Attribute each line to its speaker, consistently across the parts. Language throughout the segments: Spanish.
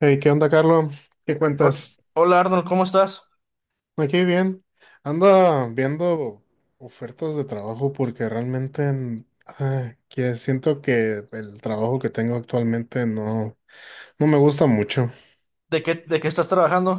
Speaker 1: Hey, ¿qué onda, Carlos? ¿Qué
Speaker 2: Hol-
Speaker 1: cuentas?
Speaker 2: Hola Arnold, ¿cómo estás?
Speaker 1: Aquí bien. Anda viendo ofertas de trabajo porque realmente que siento que el trabajo que tengo actualmente no me gusta mucho.
Speaker 2: ¿De qué estás trabajando?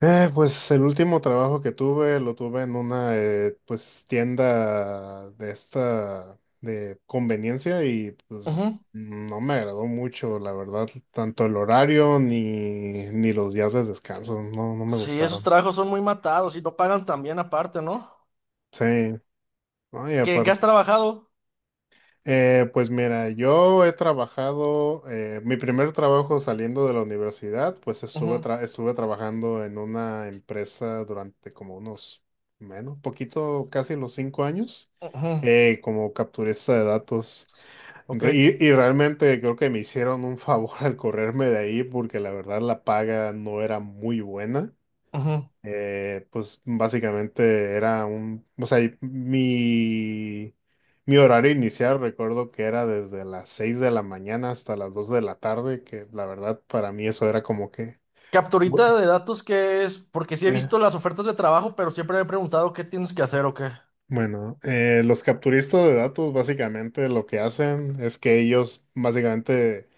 Speaker 1: Pues el último trabajo que tuve lo tuve en una pues tienda de esta de conveniencia y pues
Speaker 2: Ujú.
Speaker 1: no me agradó mucho, la verdad, tanto el horario ni los días de descanso, no me
Speaker 2: Sí, esos
Speaker 1: gustaron.
Speaker 2: trabajos son muy matados y no pagan tan bien aparte, ¿no?
Speaker 1: Sí. ¿No? Y
Speaker 2: ¿Qué has
Speaker 1: aparte,
Speaker 2: trabajado?
Speaker 1: pues mira, yo he trabajado, mi primer trabajo saliendo de la universidad, pues
Speaker 2: Ujú,
Speaker 1: estuve trabajando en una empresa durante como unos, menos, poquito, casi los cinco años,
Speaker 2: ujú,
Speaker 1: como capturista de datos.
Speaker 2: ok,
Speaker 1: Y realmente creo que me hicieron un favor al correrme de ahí porque la verdad la paga no era muy buena.
Speaker 2: ujú.
Speaker 1: Pues básicamente era mi horario inicial recuerdo que era desde las 6 de la mañana hasta las 2 de la tarde, que la verdad para mí eso era como que...
Speaker 2: Capturita
Speaker 1: Bu-
Speaker 2: de datos, ¿qué es? Porque sí he
Speaker 1: Eh,
Speaker 2: visto las ofertas de trabajo, pero siempre me he preguntado qué tienes que hacer o qué.
Speaker 1: Bueno, los capturistas de datos básicamente lo que hacen es que ellos básicamente...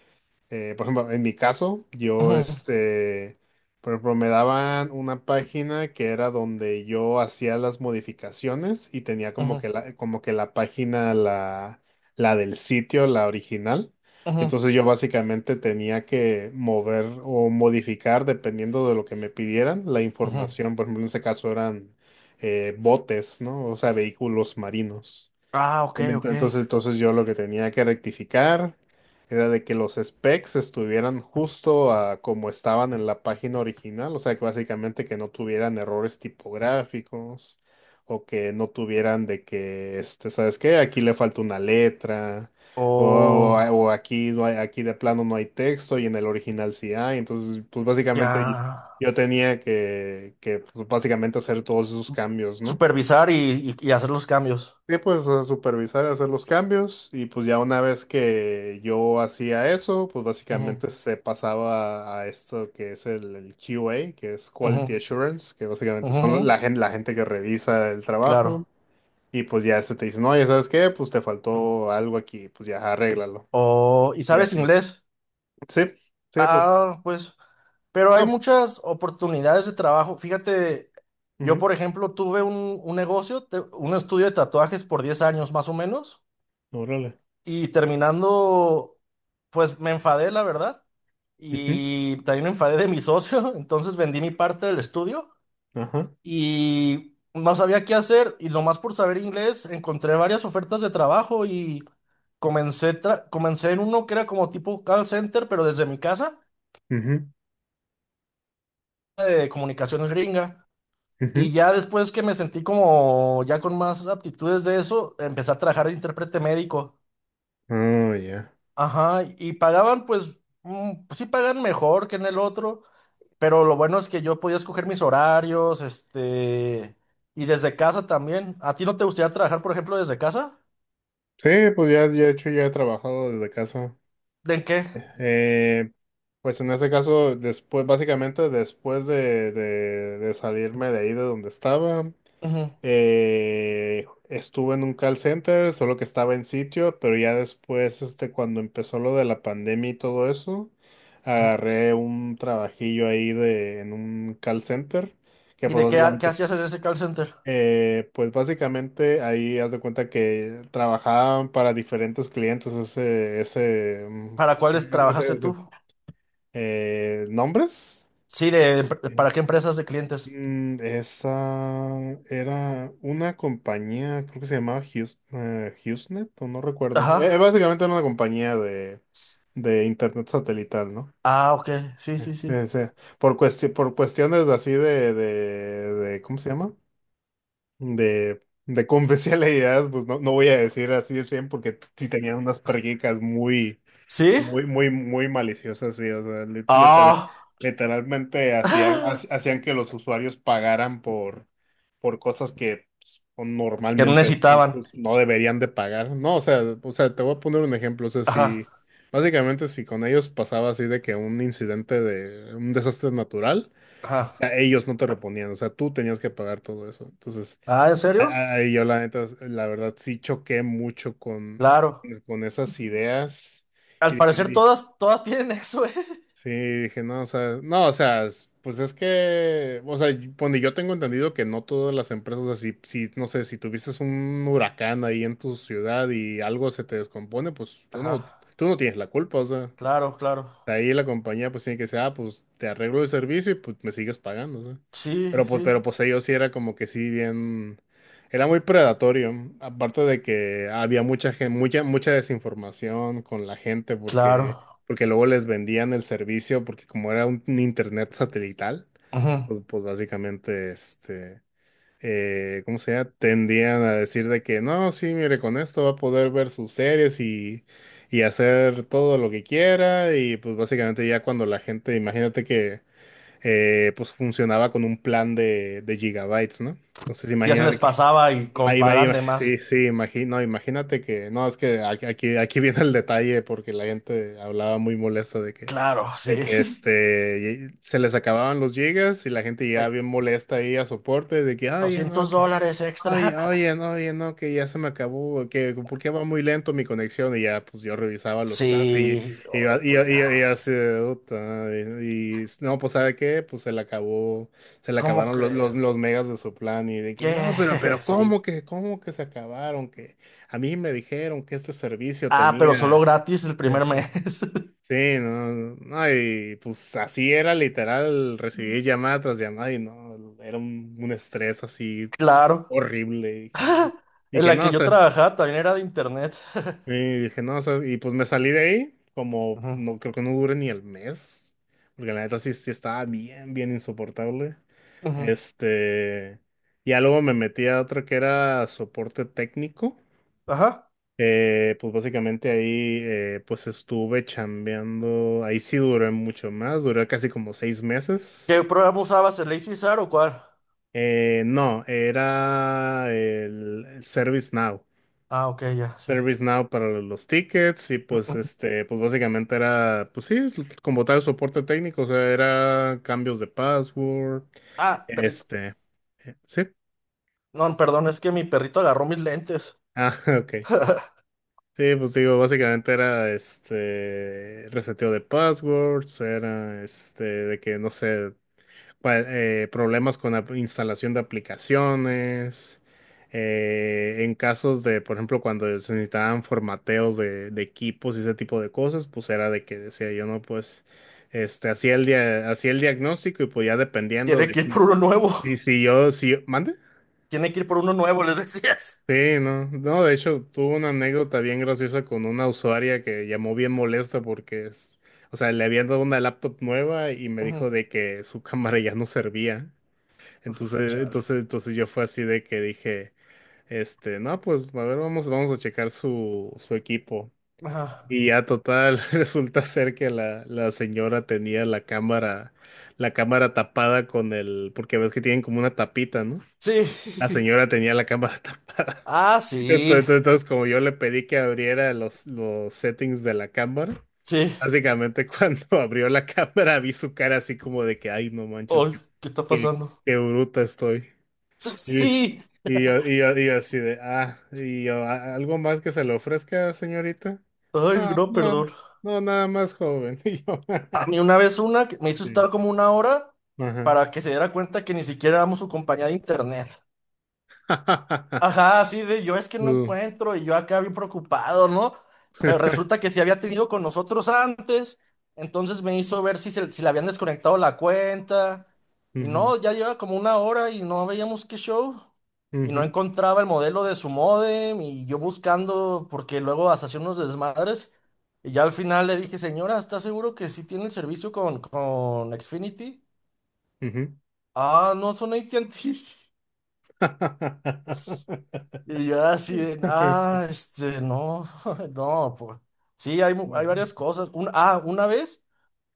Speaker 1: Por ejemplo, en mi caso,
Speaker 2: Ujú,
Speaker 1: por ejemplo, me daban una página que era donde yo hacía las modificaciones y tenía como
Speaker 2: ujú,
Speaker 1: que como que la del sitio, la original.
Speaker 2: ujú,
Speaker 1: Entonces yo básicamente tenía que mover o modificar, dependiendo de lo que me pidieran, la
Speaker 2: ujú.
Speaker 1: información. Por ejemplo, en ese caso eran botes, ¿no? O sea, vehículos marinos.
Speaker 2: Ah, ok,
Speaker 1: Ent-
Speaker 2: ok.
Speaker 1: Entonces, entonces yo lo que tenía que rectificar era de que los specs estuvieran justo a como estaban en la página original, o sea, que básicamente que no tuvieran errores tipográficos o que no tuvieran de que, este, ¿sabes qué? Aquí le falta una letra
Speaker 2: O
Speaker 1: o aquí no hay, aquí de plano no hay texto y en el original sí hay. Entonces, pues
Speaker 2: ya.
Speaker 1: básicamente yo tenía que pues, básicamente hacer todos esos cambios, ¿no?
Speaker 2: Supervisar y, y hacer los cambios.
Speaker 1: Sí, pues a supervisar, hacer los cambios y pues ya una vez que yo hacía eso, pues
Speaker 2: Ujú,
Speaker 1: básicamente se pasaba a esto que es el QA, que es
Speaker 2: ujú,
Speaker 1: Quality Assurance, que básicamente
Speaker 2: ujú, ujú.
Speaker 1: son la gente que revisa el trabajo
Speaker 2: Claro.
Speaker 1: y pues ya se te dice, no, ya sabes qué, pues te faltó algo aquí, pues ya arréglalo.
Speaker 2: O, ¿y
Speaker 1: Y
Speaker 2: sabes
Speaker 1: así.
Speaker 2: inglés?
Speaker 1: Sí, sí, pues
Speaker 2: Ah, pues, pero hay
Speaker 1: no.
Speaker 2: muchas oportunidades de trabajo. Fíjate, yo
Speaker 1: Ujú.
Speaker 2: por ejemplo tuve un negocio, un estudio de tatuajes por 10 años más o menos,
Speaker 1: Órale.
Speaker 2: y terminando, pues me enfadé, la verdad,
Speaker 1: Ujú.
Speaker 2: y también me enfadé de mi socio, entonces vendí mi parte del estudio
Speaker 1: Ajá.
Speaker 2: y no sabía qué hacer, y nomás por saber inglés encontré varias ofertas de trabajo y comencé en uno que era como tipo call center, pero desde mi casa,
Speaker 1: Ujú.
Speaker 2: de comunicaciones gringa. Y
Speaker 1: Ujú.
Speaker 2: ya después que me sentí como ya con más aptitudes de eso, empecé a trabajar de intérprete médico.
Speaker 1: Oh, ya.
Speaker 2: Ajá, y pagaban pues, pues sí pagan mejor que en el otro, pero lo bueno es que yo podía escoger mis horarios, este, y desde casa también. ¿A ti no te gustaría trabajar, por ejemplo, desde casa?
Speaker 1: Sí, pues ya, ya, de hecho ya he trabajado desde casa.
Speaker 2: ¿De en qué?
Speaker 1: Eh, Pues en ese caso, después, básicamente después de salirme de ahí de donde estaba,
Speaker 2: Ujú,
Speaker 1: estuve en un call center, solo que estaba en sitio, pero ya después, este, cuando empezó lo de la pandemia y todo eso,
Speaker 2: ujú.
Speaker 1: agarré un trabajillo ahí de, en un call center, que
Speaker 2: ¿Y de qué, qué hacías en ese call center?
Speaker 1: pues básicamente ahí haz de cuenta que trabajaban para diferentes clientes ese, ese, mm,
Speaker 2: ¿Para cuáles
Speaker 1: ese-
Speaker 2: trabajaste
Speaker 1: ese,
Speaker 2: tú?
Speaker 1: nombres.
Speaker 2: Sí, de, ¿para qué empresas de clientes?
Speaker 1: Mm, esa era una compañía, creo que se llamaba Hughes, HughesNet, o no recuerdo.
Speaker 2: Ajá.
Speaker 1: Básicamente era una compañía de internet satelital, ¿no?
Speaker 2: Ah, ok. Sí,
Speaker 1: Eh,
Speaker 2: sí, sí.
Speaker 1: eh, se- por cuestiones así ¿cómo se llama? De confidencialidad, pues no, no voy a decir así de 100 porque sí tenían unas prácticas
Speaker 2: ¿Sí?
Speaker 1: muy maliciosa, sí. O sea,
Speaker 2: Ah.
Speaker 1: literalmente hacían,
Speaker 2: ¡Ah!
Speaker 1: hacían que los usuarios pagaran por cosas que pues, o
Speaker 2: Que no
Speaker 1: normalmente pues,
Speaker 2: necesitaban.
Speaker 1: pues, no deberían de pagar. No, o sea, te voy a poner un ejemplo. O sea,
Speaker 2: Ajá,
Speaker 1: si básicamente si con ellos pasaba así de que un incidente de un desastre natural, o
Speaker 2: ajá.
Speaker 1: sea, ellos no te reponían. O sea, tú tenías que pagar todo eso. Entonces,
Speaker 2: Ah, ¿en serio?
Speaker 1: ahí yo la neta, la verdad sí choqué mucho
Speaker 2: Claro.
Speaker 1: con esas ideas. Y
Speaker 2: Al parecer
Speaker 1: dije,
Speaker 2: todas, todas tienen eso, ¿eh?
Speaker 1: sí, dije, no, o sea, no, o sea, pues es que, o sea, bueno, yo tengo entendido que no todas las empresas, o sea, no sé, si tuvieses un huracán ahí en tu ciudad y algo se te descompone, pues
Speaker 2: Ajá,
Speaker 1: tú no tienes la culpa, o sea.
Speaker 2: claro, claro.
Speaker 1: De ahí la compañía pues tiene que decir, ah, pues te arreglo el servicio y pues me sigues pagando, o...
Speaker 2: Sí,
Speaker 1: Pero
Speaker 2: sí,
Speaker 1: pues ellos sí era como que sí bien, era muy predatorio, aparte de que había mucha, mucha desinformación con la gente porque,
Speaker 2: claro.
Speaker 1: porque luego les vendían el servicio porque como era un internet satelital,
Speaker 2: Ujú.
Speaker 1: pues, pues básicamente este ¿cómo se llama? Tendían a decir de que no, sí, mire, con esto va a poder ver sus series y hacer todo lo que quiera. Y pues básicamente ya cuando la gente, imagínate que pues funcionaba con un plan de gigabytes, ¿no? Entonces
Speaker 2: Ya se
Speaker 1: imagínate
Speaker 2: les
Speaker 1: que...
Speaker 2: pasaba y como pagan de
Speaker 1: Sí,
Speaker 2: más.
Speaker 1: sí, imagino, imagínate que, no, es que aquí, aquí viene el detalle porque la gente hablaba muy molesta
Speaker 2: Claro,
Speaker 1: de
Speaker 2: sí.
Speaker 1: que este se les acababan los gigas y la gente llegaba
Speaker 2: Ve-
Speaker 1: bien molesta ahí a soporte de que ay no
Speaker 2: 200
Speaker 1: que
Speaker 2: dólares
Speaker 1: ay
Speaker 2: extra.
Speaker 1: oye no que ya se me acabó que por qué va muy lento mi conexión y ya pues yo revisaba los planes y
Speaker 2: Sí, oro, pues
Speaker 1: y
Speaker 2: ya.
Speaker 1: así "Uta", no pues sabe qué pues se le acabó, se le
Speaker 2: ¿Cómo
Speaker 1: acabaron
Speaker 2: crees?
Speaker 1: los megas de su plan y de que
Speaker 2: ¿Qué?
Speaker 1: no pero
Speaker 2: Sí.
Speaker 1: cómo que se acabaron que a mí me dijeron que este servicio
Speaker 2: Ah, pero solo
Speaker 1: tenía...
Speaker 2: gratis el primer mes.
Speaker 1: Sí, no, no, y pues así era literal, recibí llamada tras llamada y no, era un estrés así
Speaker 2: Claro.
Speaker 1: horrible. Y
Speaker 2: En
Speaker 1: dije,
Speaker 2: la
Speaker 1: no,
Speaker 2: que
Speaker 1: o
Speaker 2: yo
Speaker 1: sea,
Speaker 2: trabajaba también era de internet.
Speaker 1: y dije, no, o sea, y pues me salí de ahí, como
Speaker 2: Ujú,
Speaker 1: no creo que no dure ni el mes, porque la neta sí, sí estaba bien, bien insoportable.
Speaker 2: ujú.
Speaker 1: Este, ya luego me metí a otra que era soporte técnico.
Speaker 2: Ajá.
Speaker 1: Pues básicamente ahí pues estuve chambeando, ahí sí duré mucho más, duré casi como seis meses.
Speaker 2: ¿Qué programa usabas? ¿El Lazy Sar o cuál?
Speaker 1: No, era el ServiceNow,
Speaker 2: Ah, ok, ya, sí.
Speaker 1: ServiceNow para los tickets y pues este, pues básicamente era, pues sí, como tal soporte técnico, o sea, era cambios de password,
Speaker 2: Ah, perrito.
Speaker 1: este, sí,
Speaker 2: No, perdón, es que mi perrito agarró mis lentes.
Speaker 1: ah, ok. Sí, pues digo, básicamente era este reseteo de passwords, era este de que no sé, problemas con la instalación de aplicaciones, en casos de, por ejemplo, cuando se necesitaban formateos de equipos y ese tipo de cosas, pues era de que decía yo, no, pues, este, hacía el diagnóstico y pues ya dependiendo
Speaker 2: Tiene
Speaker 1: de
Speaker 2: que ir por
Speaker 1: si,
Speaker 2: uno nuevo.
Speaker 1: y si yo, si, ¿mande?
Speaker 2: Tiene que ir por uno nuevo, les decías.
Speaker 1: Sí, no, no, de hecho, tuve una anécdota bien graciosa con una usuaria que llamó bien molesta porque o sea, le habían dado una laptop nueva y me
Speaker 2: Ujú.
Speaker 1: dijo de que su cámara ya no servía.
Speaker 2: Uf,
Speaker 1: Entonces,
Speaker 2: chale.
Speaker 1: entonces, entonces yo fue así de que dije, este, no, pues, a ver, vamos, vamos a checar su equipo.
Speaker 2: Ajá.
Speaker 1: Y ya total, resulta ser que la señora tenía la cámara tapada con el, porque ves que tienen como una tapita, ¿no? La
Speaker 2: Sí.
Speaker 1: señora tenía la cámara tapada.
Speaker 2: Ah, sí.
Speaker 1: Entonces, como yo le pedí que abriera los settings de la cámara,
Speaker 2: Sí.
Speaker 1: básicamente cuando abrió la cámara vi su cara así como de que, ay, no manches,
Speaker 2: Ay, ¿qué está
Speaker 1: qué,
Speaker 2: pasando?
Speaker 1: qué bruta estoy.
Speaker 2: Sí,
Speaker 1: Y,
Speaker 2: sí.
Speaker 1: y yo así de, ah, y yo, algo más que se le ofrezca, señorita?
Speaker 2: Ay, no,
Speaker 1: No,
Speaker 2: perdón.
Speaker 1: no, nada más joven". Y yo,
Speaker 2: A mí una vez una que me hizo
Speaker 1: sí,
Speaker 2: estar como una hora
Speaker 1: ajá.
Speaker 2: para que se diera cuenta que ni siquiera éramos su compañía de internet. Ajá, así de yo es que no
Speaker 1: Mm,
Speaker 2: encuentro y yo acá bien preocupado, ¿no? Pero resulta que sí había tenido con nosotros antes, entonces me hizo ver si le habían desconectado la cuenta y
Speaker 1: ujú,
Speaker 2: no, ya lleva como una hora y no veíamos qué show y no
Speaker 1: ujú,
Speaker 2: encontraba el modelo de su modem y yo buscando porque luego hasta hacía unos desmadres y ya al final le dije, señora, ¿está seguro que sí tiene el servicio con Xfinity?
Speaker 1: ujú.
Speaker 2: Ah, no, son AT&T. Y yo así de, ah, este, no, no, pues. Sí, hay, hay varias
Speaker 1: Ujú,
Speaker 2: cosas. Una vez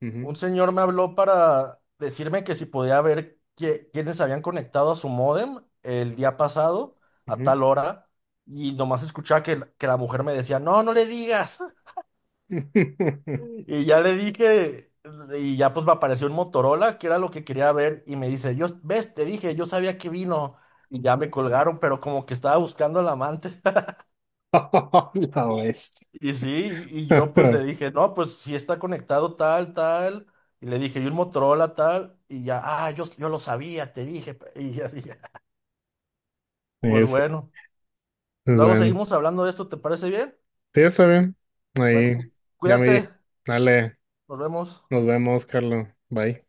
Speaker 1: ujú.
Speaker 2: un señor me habló para decirme que si podía ver quiénes habían conectado a su módem el día pasado a
Speaker 1: Ujú.
Speaker 2: tal hora. Y nomás escuchaba que la mujer me decía, no, no le digas. Y ya le dije, y ya pues me apareció un Motorola, que era lo que quería ver. Y me dice, yo, ves, te dije, yo sabía que vino. Y ya me colgaron, pero como que estaba buscando al amante.
Speaker 1: La bestia.
Speaker 2: Y sí, y yo pues le dije, no, pues si está conectado tal, tal, y le dije, y un Motorola tal, y ya, ah, yo lo sabía, te dije, pe-". Y así, pues
Speaker 1: Eso,
Speaker 2: bueno,
Speaker 1: es
Speaker 2: luego
Speaker 1: bueno.
Speaker 2: seguimos hablando de esto, ¿te parece bien?
Speaker 1: Sí, está bien.
Speaker 2: Bueno,
Speaker 1: Ahí, ya me
Speaker 2: cuídate,
Speaker 1: di. Dale,
Speaker 2: nos vemos.
Speaker 1: nos vemos, Carlos. Bye.